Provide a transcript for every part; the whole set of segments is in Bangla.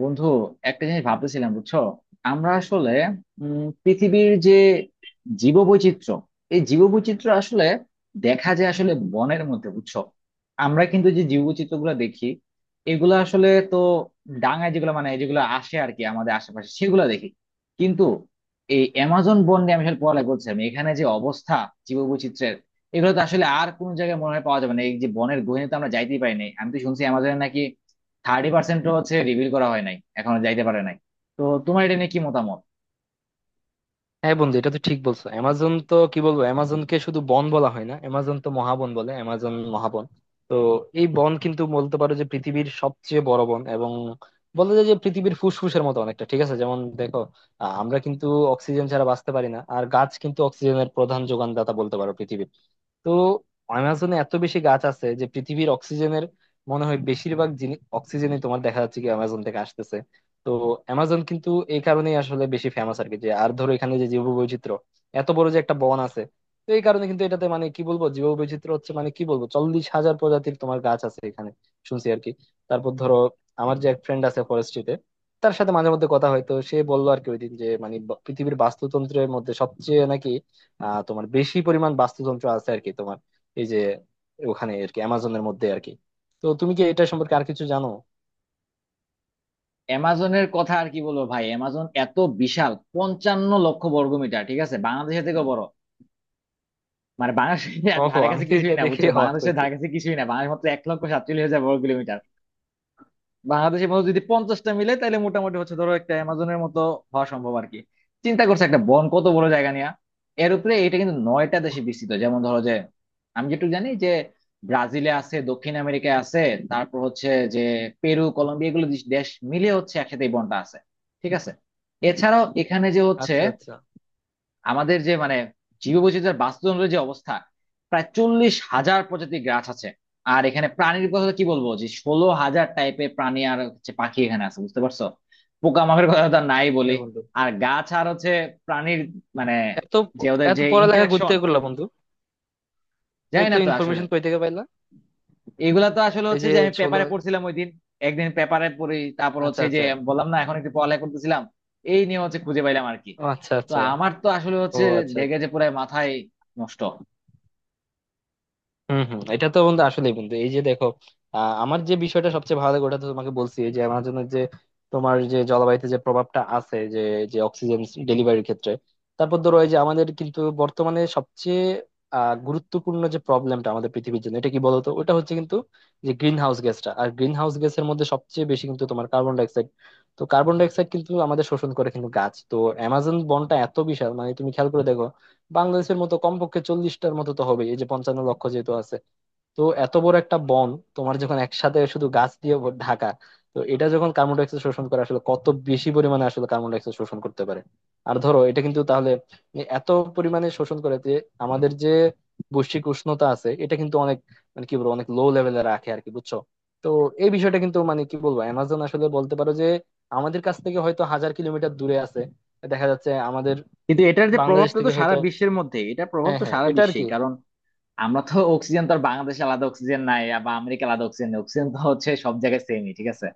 বন্ধু, একটা জিনিস ভাবতেছিলাম, বুঝছো? আমরা আসলে পৃথিবীর যে জীববৈচিত্র্য, এই জীববৈচিত্র্য আসলে দেখা যায় আসলে বনের মধ্যে, বুঝছো? আমরা কিন্তু যে জীববৈচিত্র্য গুলো দেখি এগুলো আসলে তো ডাঙায় যেগুলো, মানে যেগুলো আসে আর কি আমাদের আশেপাশে সেগুলো দেখি। কিন্তু এই অ্যামাজন বন নিয়ে আমি আসলে পড়ালেখা করছিলাম, এখানে যে অবস্থা জীববৈচিত্র্যের, এগুলো তো আসলে আর কোনো জায়গায় মনে হয় পাওয়া যাবে না। এই যে বনের গহীনে তো আমরা যাইতেই পারি নাই, আমি তো শুনছি অ্যামাজনে নাকি 30% হচ্ছে রিভিল করা হয় নাই এখনো, যাইতে পারে নাই। তো তোমার এটা নিয়ে কি মতামত? হ্যাঁ বন্ধু, এটা তো ঠিক বলছো। অ্যামাজন তো কি বলবো, অ্যামাজনকে শুধু বন বলা হয় না, অ্যামাজন তো মহাবন বলে, অ্যামাজন মহাবন। তো এই বন কিন্তু বলতে পারো যে পৃথিবীর সবচেয়ে বড় বন, এবং বলা যায় যে পৃথিবীর ফুসফুসের মতো অনেকটা। ঠিক আছে, যেমন দেখো, আমরা কিন্তু অক্সিজেন ছাড়া বাঁচতে পারি না, আর গাছ কিন্তু অক্সিজেনের প্রধান যোগানদাতা বলতে পারো পৃথিবীর। তো অ্যামাজনে এত বেশি গাছ আছে যে পৃথিবীর অক্সিজেনের মনে হয় বেশিরভাগ জিনিস অক্সিজেনই তোমার দেখা যাচ্ছে কি অ্যামাজন থেকে আসতেছে। তো অ্যামাজন কিন্তু এই কারণেই আসলে বেশি ফেমাস আর কি, যে আর ধরো এখানে যে জীববৈচিত্র্য, এত বড় যে একটা বন আছে। তো এই কারণে কিন্তু এটাতে মানে কি বলবো, জীববৈচিত্র্য হচ্ছে মানে কি বলবো, 40,000 প্রজাতির তোমার গাছ আছে এখানে, শুনছি আর কি। তারপর ধরো, আমার যে এক ফ্রেন্ড আছে ফরেস্ট্রিতে, তার সাথে মাঝে মধ্যে কথা হয়, তো সে বললো আর কি ওইদিন যে মানে পৃথিবীর বাস্তুতন্ত্রের মধ্যে সবচেয়ে নাকি তোমার বেশি পরিমাণ বাস্তুতন্ত্র আছে আর কি তোমার, এই যে ওখানে আর কি, অ্যামাজনের মধ্যে আর কি। তো তুমি কি এটা সম্পর্কে আর কিছু জানো? অ্যামাজনের কথা আর কি বলবো ভাই, অ্যামাজন এত বিশাল, 55,00,000 বর্গমিটার, ঠিক আছে, বাংলাদেশের থেকেও বড়। মানে বাংলাদেশের ওহো, ধারে আমি কাছে তো কিছুই এটা না, দেখে বুঝছো, হওয়াত বাংলাদেশের হয়েছে। ধারে কাছে কিছুই না। বাংলাদেশ মাত্র 1,47,000 বর্গ কিলোমিটার। বাংলাদেশের মতো যদি 50টা মিলে তাহলে মোটামুটি হচ্ছে ধরো একটা অ্যামাজনের মতো হওয়া সম্ভব আর কি। চিন্তা করছে একটা বন কত বড় জায়গা নিয়ে। এর উপরে এটা কিন্তু নয়টা দেশে বিস্তৃত। যেমন ধরো যে আমি যেটুকু জানি যে ব্রাজিলে আছে, দক্ষিণ আমেরিকায় আছে, তারপর হচ্ছে যে পেরু, কলম্বিয়া, এগুলো দেশ মিলে হচ্ছে একসাথে এই বনটা আছে, ঠিক আছে। এছাড়াও এখানে যে হচ্ছে আচ্ছা আচ্ছা। আমাদের যে মানে জীববৈচিত্র্যের, বাস্তুতন্ত্রের যে অবস্থা, প্রায় 40,000 প্রজাতির গাছ আছে। আর এখানে প্রাণীর কথা তো কি বলবো, যে 16,000 টাইপের প্রাণী আর হচ্ছে পাখি এখানে আছে, বুঝতে পারছো। পোকামাকড়ের কথা তো আর নাই বলি। হ্যাঁ বন্ধু। আর গাছ আর হচ্ছে প্রাণীর, মানে এত যে ওদের এত যে পড়ালেখা করতে ইন্টারাকশন করলা বন্ধু? জানি এত না তো আসলে। ইনফরমেশন কই থেকে পাইলা? এগুলা তো আসলে এই হচ্ছে যে যে আমি ছোলা। পেপারে পড়ছিলাম ওই দিন, একদিন পেপারে পড়ি, তারপর আচ্ছা হচ্ছে যে আচ্ছা। বললাম না এখন একটু পড়ালেখা করতেছিলাম এই নিয়ে, হচ্ছে খুঁজে পাইলাম আর কি। ও আচ্ছা তো আচ্ছা। আমার তো আসলে ও হচ্ছে আচ্ছা দেখে আচ্ছা। যে পুরো মাথায় নষ্ট। হম হম। এটা তো বন্ধু আসলেই বন্ধু, এই যে দেখো, আমার যে বিষয়টা সবচেয়ে ভালো লাগে ওটা তো তোমাকে বলছি, এই যে আমার জন্য যে, তোমার যে জলবায়ুতে যে প্রভাবটা আছে, যে যে অক্সিজেন ডেলিভারির ক্ষেত্রে। তারপর ধরো এই যে আমাদের কিন্তু বর্তমানে সবচেয়ে গুরুত্বপূর্ণ যে প্রবলেমটা আমাদের পৃথিবীর জন্য, এটা কি বলতো? ওটা হচ্ছে কিন্তু যে গ্রিন হাউস গ্যাসটা, আর গ্রিন হাউস গ্যাসের মধ্যে সবচেয়ে বেশি কিন্তু তোমার কার্বন ডাইঅক্সাইড। তো কার্বন ডাইঅক্সাইড কিন্তু আমাদের শোষণ করে কিন্তু গাছ, তো অ্যামাজন বনটা এত বিশাল, মানে তুমি খেয়াল করে দেখো, বাংলাদেশের মতো কমপক্ষে 40টার মতো তো হবে, এই যে 55,00,000 যেহেতু আছে। তো এত বড় একটা বন, তোমার যখন একসাথে শুধু গাছ দিয়ে ঢাকা, তো এটা যখন কার্বন ডাইঅক্সাইড শোষণ করে আসলে কত বেশি পরিমাণে আসলে কার্বন ডাইঅক্সাইড শোষণ করতে পারে। আর ধরো এটা কিন্তু তাহলে এত পরিমাণে শোষণ করে যে আমাদের যে বৈশ্বিক উষ্ণতা আছে এটা কিন্তু অনেক মানে কি বলবো অনেক লো লেভেলে রাখে আর কি, বুঝছো। তো এই বিষয়টা কিন্তু, মানে কি বলবো, অ্যামাজন আসলে বলতে পারো যে আমাদের কাছ থেকে হয়তো 1000 কিলোমিটার দূরে আছে, দেখা যাচ্ছে আমাদের কিন্তু এটার যে বাংলাদেশ প্রভাবটা তো থেকে সারা হয়তো। বিশ্বের মধ্যে, এটা প্রভাব হ্যাঁ তো হ্যাঁ, সারা এটা আর কি, বিশ্বেই, কারণ আমরা তো অক্সিজেন তো আর বাংলাদেশে আলাদা অক্সিজেন নাই, আর বা আমেরিকা আলাদা অক্সিজেন নেই, অক্সিজেন তো হচ্ছে সব জায়গায় সেমই, ঠিক আছে।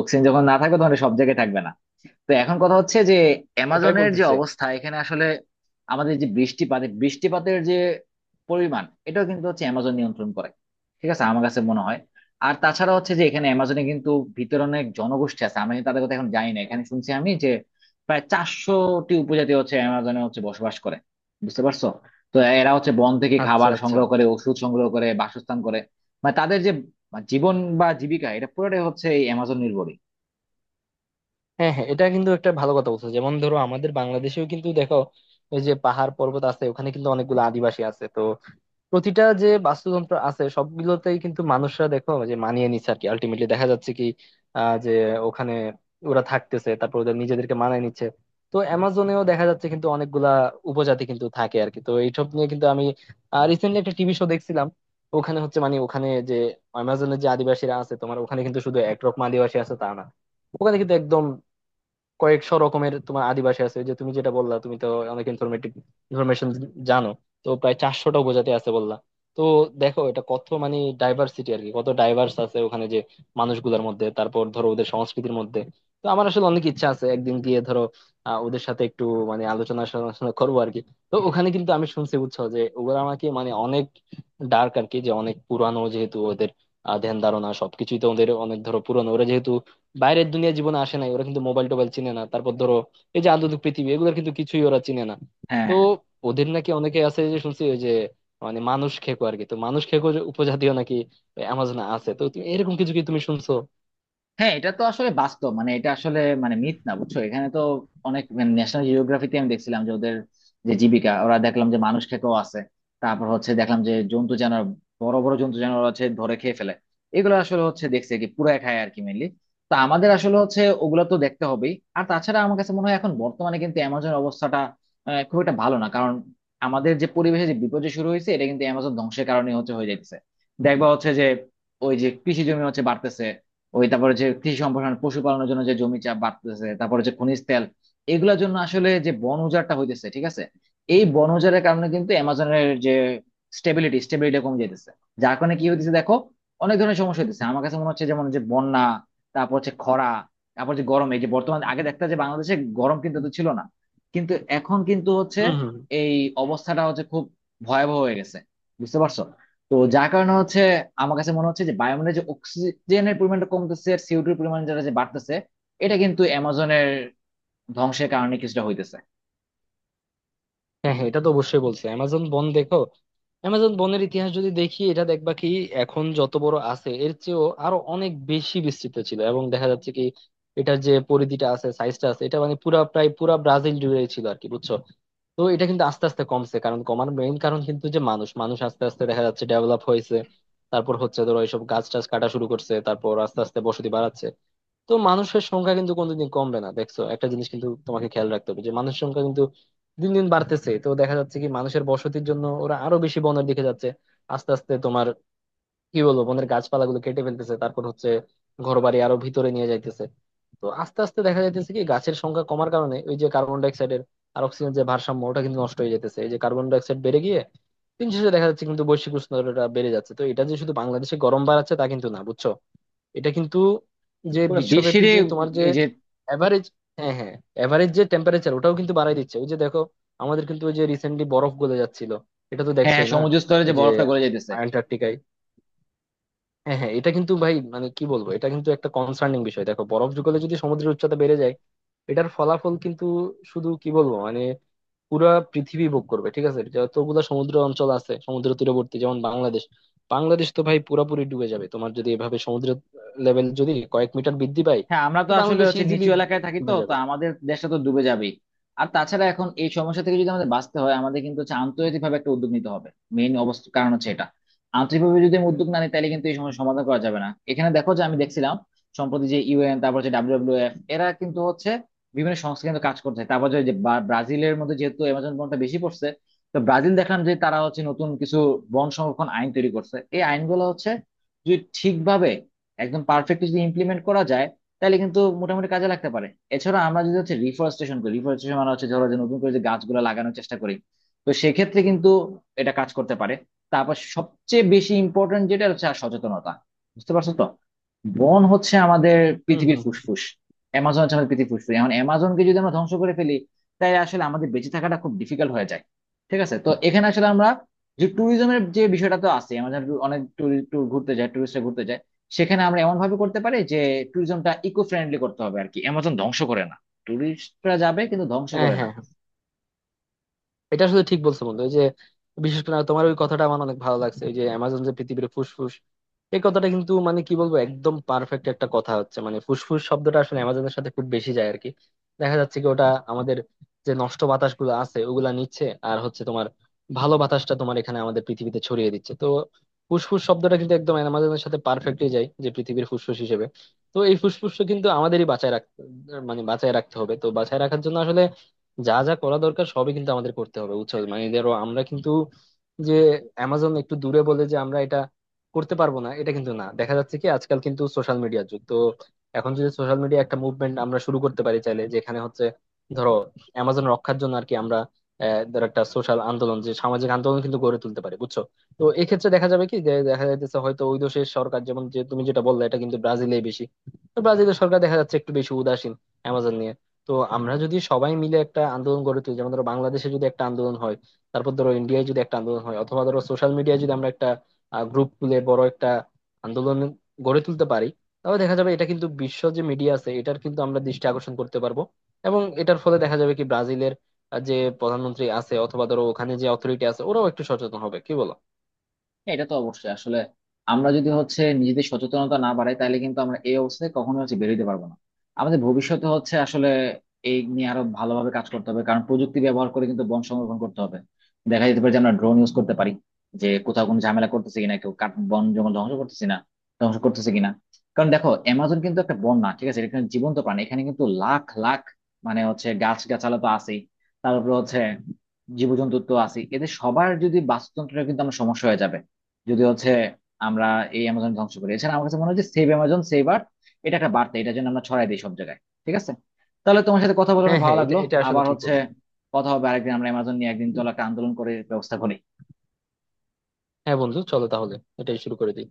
অক্সিজেন যখন না থাকবে তখন এটা সব জায়গায় থাকবে না। তো এখন কথা হচ্ছে যে ওটাই অ্যামাজনের যে বলতেছে। অবস্থা এখানে আসলে আমাদের যে বৃষ্টিপাত, এই বৃষ্টিপাতের যে পরিমাণ, এটাও কিন্তু হচ্ছে অ্যামাজন নিয়ন্ত্রণ করে, ঠিক আছে, আমার কাছে মনে হয়। আর তাছাড়া হচ্ছে যে এখানে অ্যামাজনে কিন্তু ভিতরে অনেক জনগোষ্ঠী আছে, আমি তাদের কথা এখন জানি না, এখানে শুনছি আমি যে প্রায় 400টি উপজাতি হচ্ছে অ্যামাজনে হচ্ছে বসবাস করে, বুঝতে পারছো। তো এরা হচ্ছে বন থেকে আচ্ছা খাবার আচ্ছা। সংগ্রহ করে, ওষুধ সংগ্রহ করে, বাসস্থান করে, মানে তাদের যে জীবন বা জীবিকা এটা পুরোটাই হচ্ছে এই অ্যামাজন নির্ভরই। হ্যাঁ হ্যাঁ, এটা কিন্তু একটা ভালো কথা বলছো। যেমন ধরো আমাদের বাংলাদেশেও কিন্তু দেখো, ওই যে পাহাড় পর্বত আছে, ওখানে কিন্তু অনেকগুলো আদিবাসী আছে। তো প্রতিটা যে বাস্তুতন্ত্র আছে সবগুলোতেই কিন্তু মানুষরা দেখো যে মানিয়ে নিচ্ছে আর কি, আলটিমেটলি দেখা যাচ্ছে কি যে ওখানে ওরা থাকতেছে, তারপর ওদের নিজেদেরকে মানিয়ে নিচ্ছে। তো অ্যামাজনেও দেখা যাচ্ছে কিন্তু অনেকগুলা উপজাতি কিন্তু থাকে আর কি। তো এইসব নিয়ে কিন্তু আমি রিসেন্টলি একটা টিভি শো দেখছিলাম, ওখানে হচ্ছে মানে ওখানে যে অ্যামাজনের যে আদিবাসীরা আছে তোমার, ওখানে কিন্তু শুধু একরকম আদিবাসী আছে তা না, ওখানে কিন্তু একদম কয়েকশো রকমের তোমার আদিবাসী আছে। যে তুমি যেটা বললা, তুমি তো অনেক ইনফরমেটিভ ইনফরমেশন জানো। তো প্রায় 400টা উপজাতি আছে বললা। তো দেখো এটা কত মানে ডাইভার্সিটি আর কি, কত ডাইভার্স আছে ওখানে, যে মানুষগুলোর মধ্যে, তারপর ধরো ওদের সংস্কৃতির মধ্যে। তো আমার আসলে অনেক ইচ্ছা আছে একদিন গিয়ে ধরো ওদের সাথে একটু মানে আলোচনা সমালোচনা করবো আর কি। তো ওখানে কিন্তু আমি শুনছি বুঝছো যে ওরা আমাকে মানে অনেক ডার্ক আর কি, যে অনেক পুরানো যেহেতু ওদের ধ্যান ধারণা সবকিছুই তো ওদের অনেক ধরো পুরানো, ওরা যেহেতু বাইরের দুনিয়া জীবনে আসে নাই, ওরা কিন্তু মোবাইল টোবাইল চিনে না। তারপর ধরো এই যে আধুনিক পৃথিবী এগুলোর কিন্তু কিছুই ওরা চিনে না। হ্যাঁ, তো হ্যাঁ, ওদের নাকি অনেকে আছে যে শুনছি, ওই যে মানে মানুষ খেকো আর কি, তো মানুষ খেকো যে উপজাতীয় নাকি অ্যামাজনে আছে, তো তুমি এরকম কিছু কি তুমি শুনছো? হ্যাঁ, এটা তো আসলে বাস্তব, মানে এটা আসলে মানে মিথ না, বুঝছো। এখানে তো অনেক ন্যাশনাল জিওগ্রাফিতে আমি দেখছিলাম যে ওদের যে জীবিকা, ওরা দেখলাম যে মানুষ খেতেও আছে। তারপর হচ্ছে দেখলাম যে জন্তু জানোয়ার, বড় বড় জন্তু জানোয়ার হচ্ছে ধরে খেয়ে ফেলে। এগুলো আসলে হচ্ছে দেখছে কি পুরা খায় আর কি, মেনলি। তো আমাদের আসলে হচ্ছে ওগুলো তো দেখতে হবেই। আর তাছাড়া আমার কাছে মনে হয় এখন বর্তমানে কিন্তু অ্যামাজন অবস্থাটা খুব একটা ভালো না, কারণ আমাদের যে পরিবেশে যে বিপর্যয় শুরু হয়েছে এটা কিন্তু অ্যামাজন ধ্বংসের কারণে হচ্ছে হয়ে যাচ্ছে। দেখবা হচ্ছে যে ওই যে কৃষি জমি হচ্ছে বাড়তেছে, ওই তারপরে যে কৃষি সম্প্রসারণ, পশুপালনের জন্য যে জমি চাপ বাড়তেছে, তারপরে যে খনিজ তেল, এগুলোর জন্য আসলে যে বন উজাড়টা হইতেছে, ঠিক আছে। এই বন উজাড়ের কারণে কিন্তু অ্যামাজনের যে স্টেবিলিটি স্টেবিলিটি কমে যাইতেছে। যার কারণে কি হইতেছে দেখো, অনেক ধরনের সমস্যা হইতেছে আমার কাছে মনে হচ্ছে, যেমন যে বন্যা, তারপর হচ্ছে খরা, তারপর যে গরম। এই যে বর্তমানে আগে দেখতে যে বাংলাদেশে গরম কিন্তু এত ছিল না, কিন্তু এখন কিন্তু হচ্ছে হম হম। এই অবস্থাটা হচ্ছে খুব ভয়াবহ হয়ে গেছে, বুঝতে পারছো তো। যার কারণে হচ্ছে আমার কাছে মনে হচ্ছে যে বায়ুমণ্ডলে যে অক্সিজেনের পরিমাণটা কমতেছে আর সিওটির পরিমাণ যেটা যে বাড়তেছে, এটা কিন্তু অ্যামাজনের ধ্বংসের কারণে কিছুটা হইতেছে। হ্যাঁ হ্যাঁ, এটা তো অবশ্যই বলছে। অ্যামাজন বন দেখো, অ্যামাজন বনের ইতিহাস যদি দেখি, এটা দেখবা কি এখন যত বড় আছে এর চেয়েও আরো অনেক বেশি বিস্তৃত ছিল, এবং দেখা যাচ্ছে কি এটার যে পরিধিটা আছে, সাইজটা আছে, এটা মানে পুরা প্রায় পুরা ব্রাজিল জুড়ে ছিল আর কি, বুঝছো। তো এটা কিন্তু আস্তে আস্তে কমছে, কারণ কমার মেইন কারণ কিন্তু যে মানুষ, আস্তে আস্তে দেখা যাচ্ছে ডেভেলপ হয়েছে, তারপর হচ্ছে ধরো এইসব গাছ টাছ কাটা শুরু করছে, তারপর আস্তে আস্তে বসতি বাড়াচ্ছে। তো মানুষের সংখ্যা কিন্তু কোনোদিন কমবে না, দেখছো একটা জিনিস কিন্তু তোমাকে খেয়াল রাখতে হবে যে মানুষের সংখ্যা কিন্তু দিন দিন বাড়তেছে। তো দেখা যাচ্ছে কি মানুষের বসতির জন্য ওরা আরো বেশি বনের দিকে যাচ্ছে, আস্তে আস্তে তোমার কি বলবো বনের গাছপালাগুলো কেটে ফেলতেছে, তারপর হচ্ছে ঘরবাড়ি আরো ভিতরে নিয়ে যাইতেছে। তো আস্তে আস্তে দেখা যাইতেছে কি গাছের সংখ্যা কমার কারণে, ওই যে কার্বন ডাইঅক্সাইডের আর অক্সিজেন যে ভারসাম্য ওটা কিন্তু নষ্ট হয়ে যাইতেছে, এই যে কার্বন ডাইঅক্সাইড বেড়ে গিয়ে দিন শেষে দেখা যাচ্ছে কিন্তু বৈশ্বিক উষ্ণতাটা বেড়ে যাচ্ছে। তো এটা যে শুধু বাংলাদেশে গরম বাড়াচ্ছে তা কিন্তু না, বুঝছো, এটা কিন্তু যে পুরো বিশ্বব্যাপী বিশ্বেরই যে তোমার যে এই যে। এভারেজ। হ্যাঁ হ্যাঁ, এভারেজ যে টেম্পারেচার ওটাও কিন্তু বাড়ায় দিচ্ছে, ওই যে দেখো আমাদের কিন্তু ওই যে রিসেন্টলি বরফ গলে যাচ্ছিল, এটা তো হ্যাঁ, হ্যাঁ, দেখছোই না, সমুদ্র স্তরে ওই যে যে বরফটা গলে যাইতেছে। আন্টার্কটিকায়। হ্যাঁ হ্যাঁ, এটা কিন্তু ভাই মানে কি বলবো, এটা কিন্তু একটা কনসার্নিং বিষয়। দেখো, বরফ যুগলে যদি সমুদ্রের উচ্চতা বেড়ে যায়, এটার ফলাফল কিন্তু শুধু কি বলবো মানে পুরা পৃথিবী ভোগ করবে। ঠিক আছে, যতগুলা সমুদ্র অঞ্চল আছে, সমুদ্র তীরবর্তী, যেমন বাংলাদেশ, বাংলাদেশ তো ভাই পুরাপুরি ডুবে যাবে তোমার, যদি এভাবে সমুদ্র লেভেল যদি কয়েক মিটার বৃদ্ধি পায়। হ্যাঁ, আমরা তো তো আসলে বাংলাদেশ হচ্ছে ইজিলি নিচু এলাকায় থাকি, তো ডুবে তো যাবে। আমাদের দেশটা তো ডুবে যাবেই। আর তাছাড়া এখন এই সমস্যা থেকে যদি আমাদের বাঁচতে হয় আমাদের কিন্তু হচ্ছে আন্তর্জাতিক ভাবে একটা উদ্যোগ নিতে হবে, মেইন অবস্থা কারণ হচ্ছে এটা। আন্তরিকভাবে যদি আমি উদ্যোগ না নিই তাহলে কিন্তু এই সমস্যা সমাধান করা যাবে না। এখানে দেখো যে আমি দেখছিলাম সম্প্রতি যে ইউএন, তারপর হচ্ছে ডাব্লিউডব্লিউ এফ, এরা কিন্তু হচ্ছে বিভিন্ন সংস্থা কিন্তু কাজ করছে। তারপর যে যে বা- ব্রাজিলের মধ্যে যেহেতু অ্যামাজন বনটা বেশি পড়ছে, তো ব্রাজিল দেখলাম যে তারা হচ্ছে নতুন কিছু বন সংরক্ষণ আইন তৈরি করছে। এই আইনগুলো হচ্ছে যদি ঠিকভাবে, একদম পারফেক্টলি যদি ইমপ্লিমেন্ট করা যায় তাহলে কিন্তু মোটামুটি কাজে লাগতে পারে। এছাড়া আমরা যদি হচ্ছে রিফরেস্টেশন করি, রিফরেস্টেশন মানে হচ্ছে ধরো যে নতুন করে যে গাছগুলো লাগানোর চেষ্টা করি, তো সেক্ষেত্রে কিন্তু এটা কাজ করতে পারে। তারপর সবচেয়ে বেশি ইম্পর্টেন্ট যেটা হচ্ছে আর সচেতনতা, বুঝতে পারছো তো। বন হচ্ছে আমাদের হম পৃথিবীর হম হম। ফুসফুস, অ্যামাজন হচ্ছে আমাদের পৃথিবীর ফুসফুস। এখন অ্যামাজনকে যদি আমরা ধ্বংস করে ফেলি তাহলে আসলে আমাদের বেঁচে থাকাটা খুব ডিফিকাল্ট হয়ে যায়, ঠিক আছে। তো এখানে আসলে আমরা যে ট্যুরিজমের যে বিষয়টা তো আছে, আমাদের অনেক ট্যুর ঘুরতে যায়, ট্যুরিস্টরা ঘুরতে যায়। সেখানে আমরা এমন ভাবে করতে পারি যে ট্যুরিজমটা ইকো ফ্রেন্ডলি করতে হবে আর কি, অ্যামাজন ধ্বংস করে না, ট্যুরিস্টরা যাবে কিন্তু ধ্বংস হ্যাঁ করে না। হ্যাঁ হ্যাঁ। এটা শুধু ঠিক বলছো বন্ধু, এই যে বিশেষ করে তোমার ওই কথাটা আমার অনেক ভালো লাগছে, এই যে অ্যামাজন যে পৃথিবীর ফুসফুস, এই কথাটা কিন্তু মানে কি বলবো একদম পারফেক্ট একটা কথা হচ্ছে। মানে ফুসফুস শব্দটা আসলে অ্যামাজনের সাথে খুব বেশি যায় আর কি, দেখা যাচ্ছে কি ওটা আমাদের যে নষ্ট বাতাস গুলো আছে ওগুলা নিচ্ছে, আর হচ্ছে তোমার ভালো বাতাসটা তোমার এখানে আমাদের পৃথিবীতে ছড়িয়ে দিচ্ছে। তো ফুসফুস শব্দটা কিন্তু একদম অ্যামাজনের সাথে পারফেক্টলি যায়, যে পৃথিবীর ফুসফুস হিসেবে। তো এই ফুসফুস কিন্তু আমাদেরই বাঁচায় রাখতে, মানে বাঁচায় রাখতে হবে। তো বাঁচায় রাখার জন্য আসলে যা যা করা দরকার সবই কিন্তু আমাদের করতে হবে, বুঝছো। মানে ধরো আমরা কিন্তু যে অ্যামাজন একটু দূরে বলে যে আমরা এটা করতে পারবো না, এটা কিন্তু না। দেখা যাচ্ছে কি আজকাল কিন্তু সোশ্যাল মিডিয়ার যুগ তো, এখন যদি সোশ্যাল মিডিয়া একটা মুভমেন্ট আমরা শুরু করতে পারি চাইলে, যেখানে হচ্ছে ধরো অ্যামাজন রক্ষার জন্য আর কি, আমরা ধরো একটা সোশ্যাল আন্দোলন, যে সামাজিক আন্দোলন কিন্তু গড়ে তুলতে পারি, বুঝছো। তো এক্ষেত্রে দেখা যাবে কি, যে দেখা যাইতেছে হয়তো ওই দেশের সরকার, যেমন যে তুমি যেটা বললে এটা কিন্তু ব্রাজিলেই বেশি, তো ব্রাজিলের সরকার দেখা যাচ্ছে একটু বেশি উদাসীন অ্যামাজন নিয়ে। তো আমরা যদি সবাই মিলে একটা আন্দোলন গড়ে তুলি, যেমন ধরো বাংলাদেশে যদি একটা আন্দোলন হয়, তারপর ধরো ইন্ডিয়ায় যদি একটা আন্দোলন হয়, অথবা ধরো সোশ্যাল মিডিয়ায় যদি আমরা একটা গ্রুপ খুলে বড় একটা আন্দোলন গড়ে তুলতে পারি, তাহলে দেখা যাবে এটা কিন্তু বিশ্ব যে মিডিয়া আছে এটার কিন্তু আমরা দৃষ্টি আকর্ষণ করতে পারবো। এবং এটার ফলে দেখা যাবে কি ব্রাজিলের যে প্রধানমন্ত্রী আছে অথবা ধরো ওখানে যে অথরিটি আছে ওরাও একটু সচেতন হবে, কি বলো? হ্যাঁ, এটা তো অবশ্যই আসলে আমরা যদি হচ্ছে নিজেদের সচেতনতা না বাড়াই তাহলে কিন্তু আমরা এই অবস্থায় কখনো হচ্ছে বেরোতে পারবো না। আমাদের ভবিষ্যতে হচ্ছে আসলে এই নিয়ে আরো ভালোভাবে কাজ করতে হবে, কারণ প্রযুক্তি ব্যবহার করে কিন্তু বন সংরক্ষণ করতে হবে। দেখা যেতে পারে যে আমরা ড্রোন ইউজ করতে পারি যে কোথাও কোনো ঝামেলা করতেছে কিনা, কেউ কাঠ বন জঙ্গল ধ্বংস করতেছে কিনা। কারণ দেখো অ্যামাজন কিন্তু একটা বন না, ঠিক আছে, এখানে জীবন্ত প্রাণী এখানে কিন্তু লাখ লাখ, মানে হচ্ছে গাছ গাছালা তো আছেই, তারপরে হচ্ছে জীবজন্তু তো আছেই, এদের সবার যদি বাস্তুতন্ত্রের কিন্তু আমার সমস্যা হয়ে যাবে যদি হচ্ছে আমরা এই অ্যামাজন ধ্বংস করি। এছাড়া আমার কাছে মনে হয় যে সেভ অ্যামাজন, সেভ আর্থ, এটা একটা বার্তা এটা যেন আমরা ছড়াই দিই সব জায়গায়, ঠিক আছে। তাহলে তোমার সাথে কথা বলে হ্যাঁ অনেক ভালো হ্যাঁ, এটা লাগলো। এটা আসলে আবার ঠিক হচ্ছে বলছো। কথা হবে আরেকদিন, আমরা অ্যামাজন নিয়ে একদিন চলো একটা আন্দোলন করে ব্যবস্থা করি। হ্যাঁ বন্ধু, চলো তাহলে এটাই শুরু করে দিই।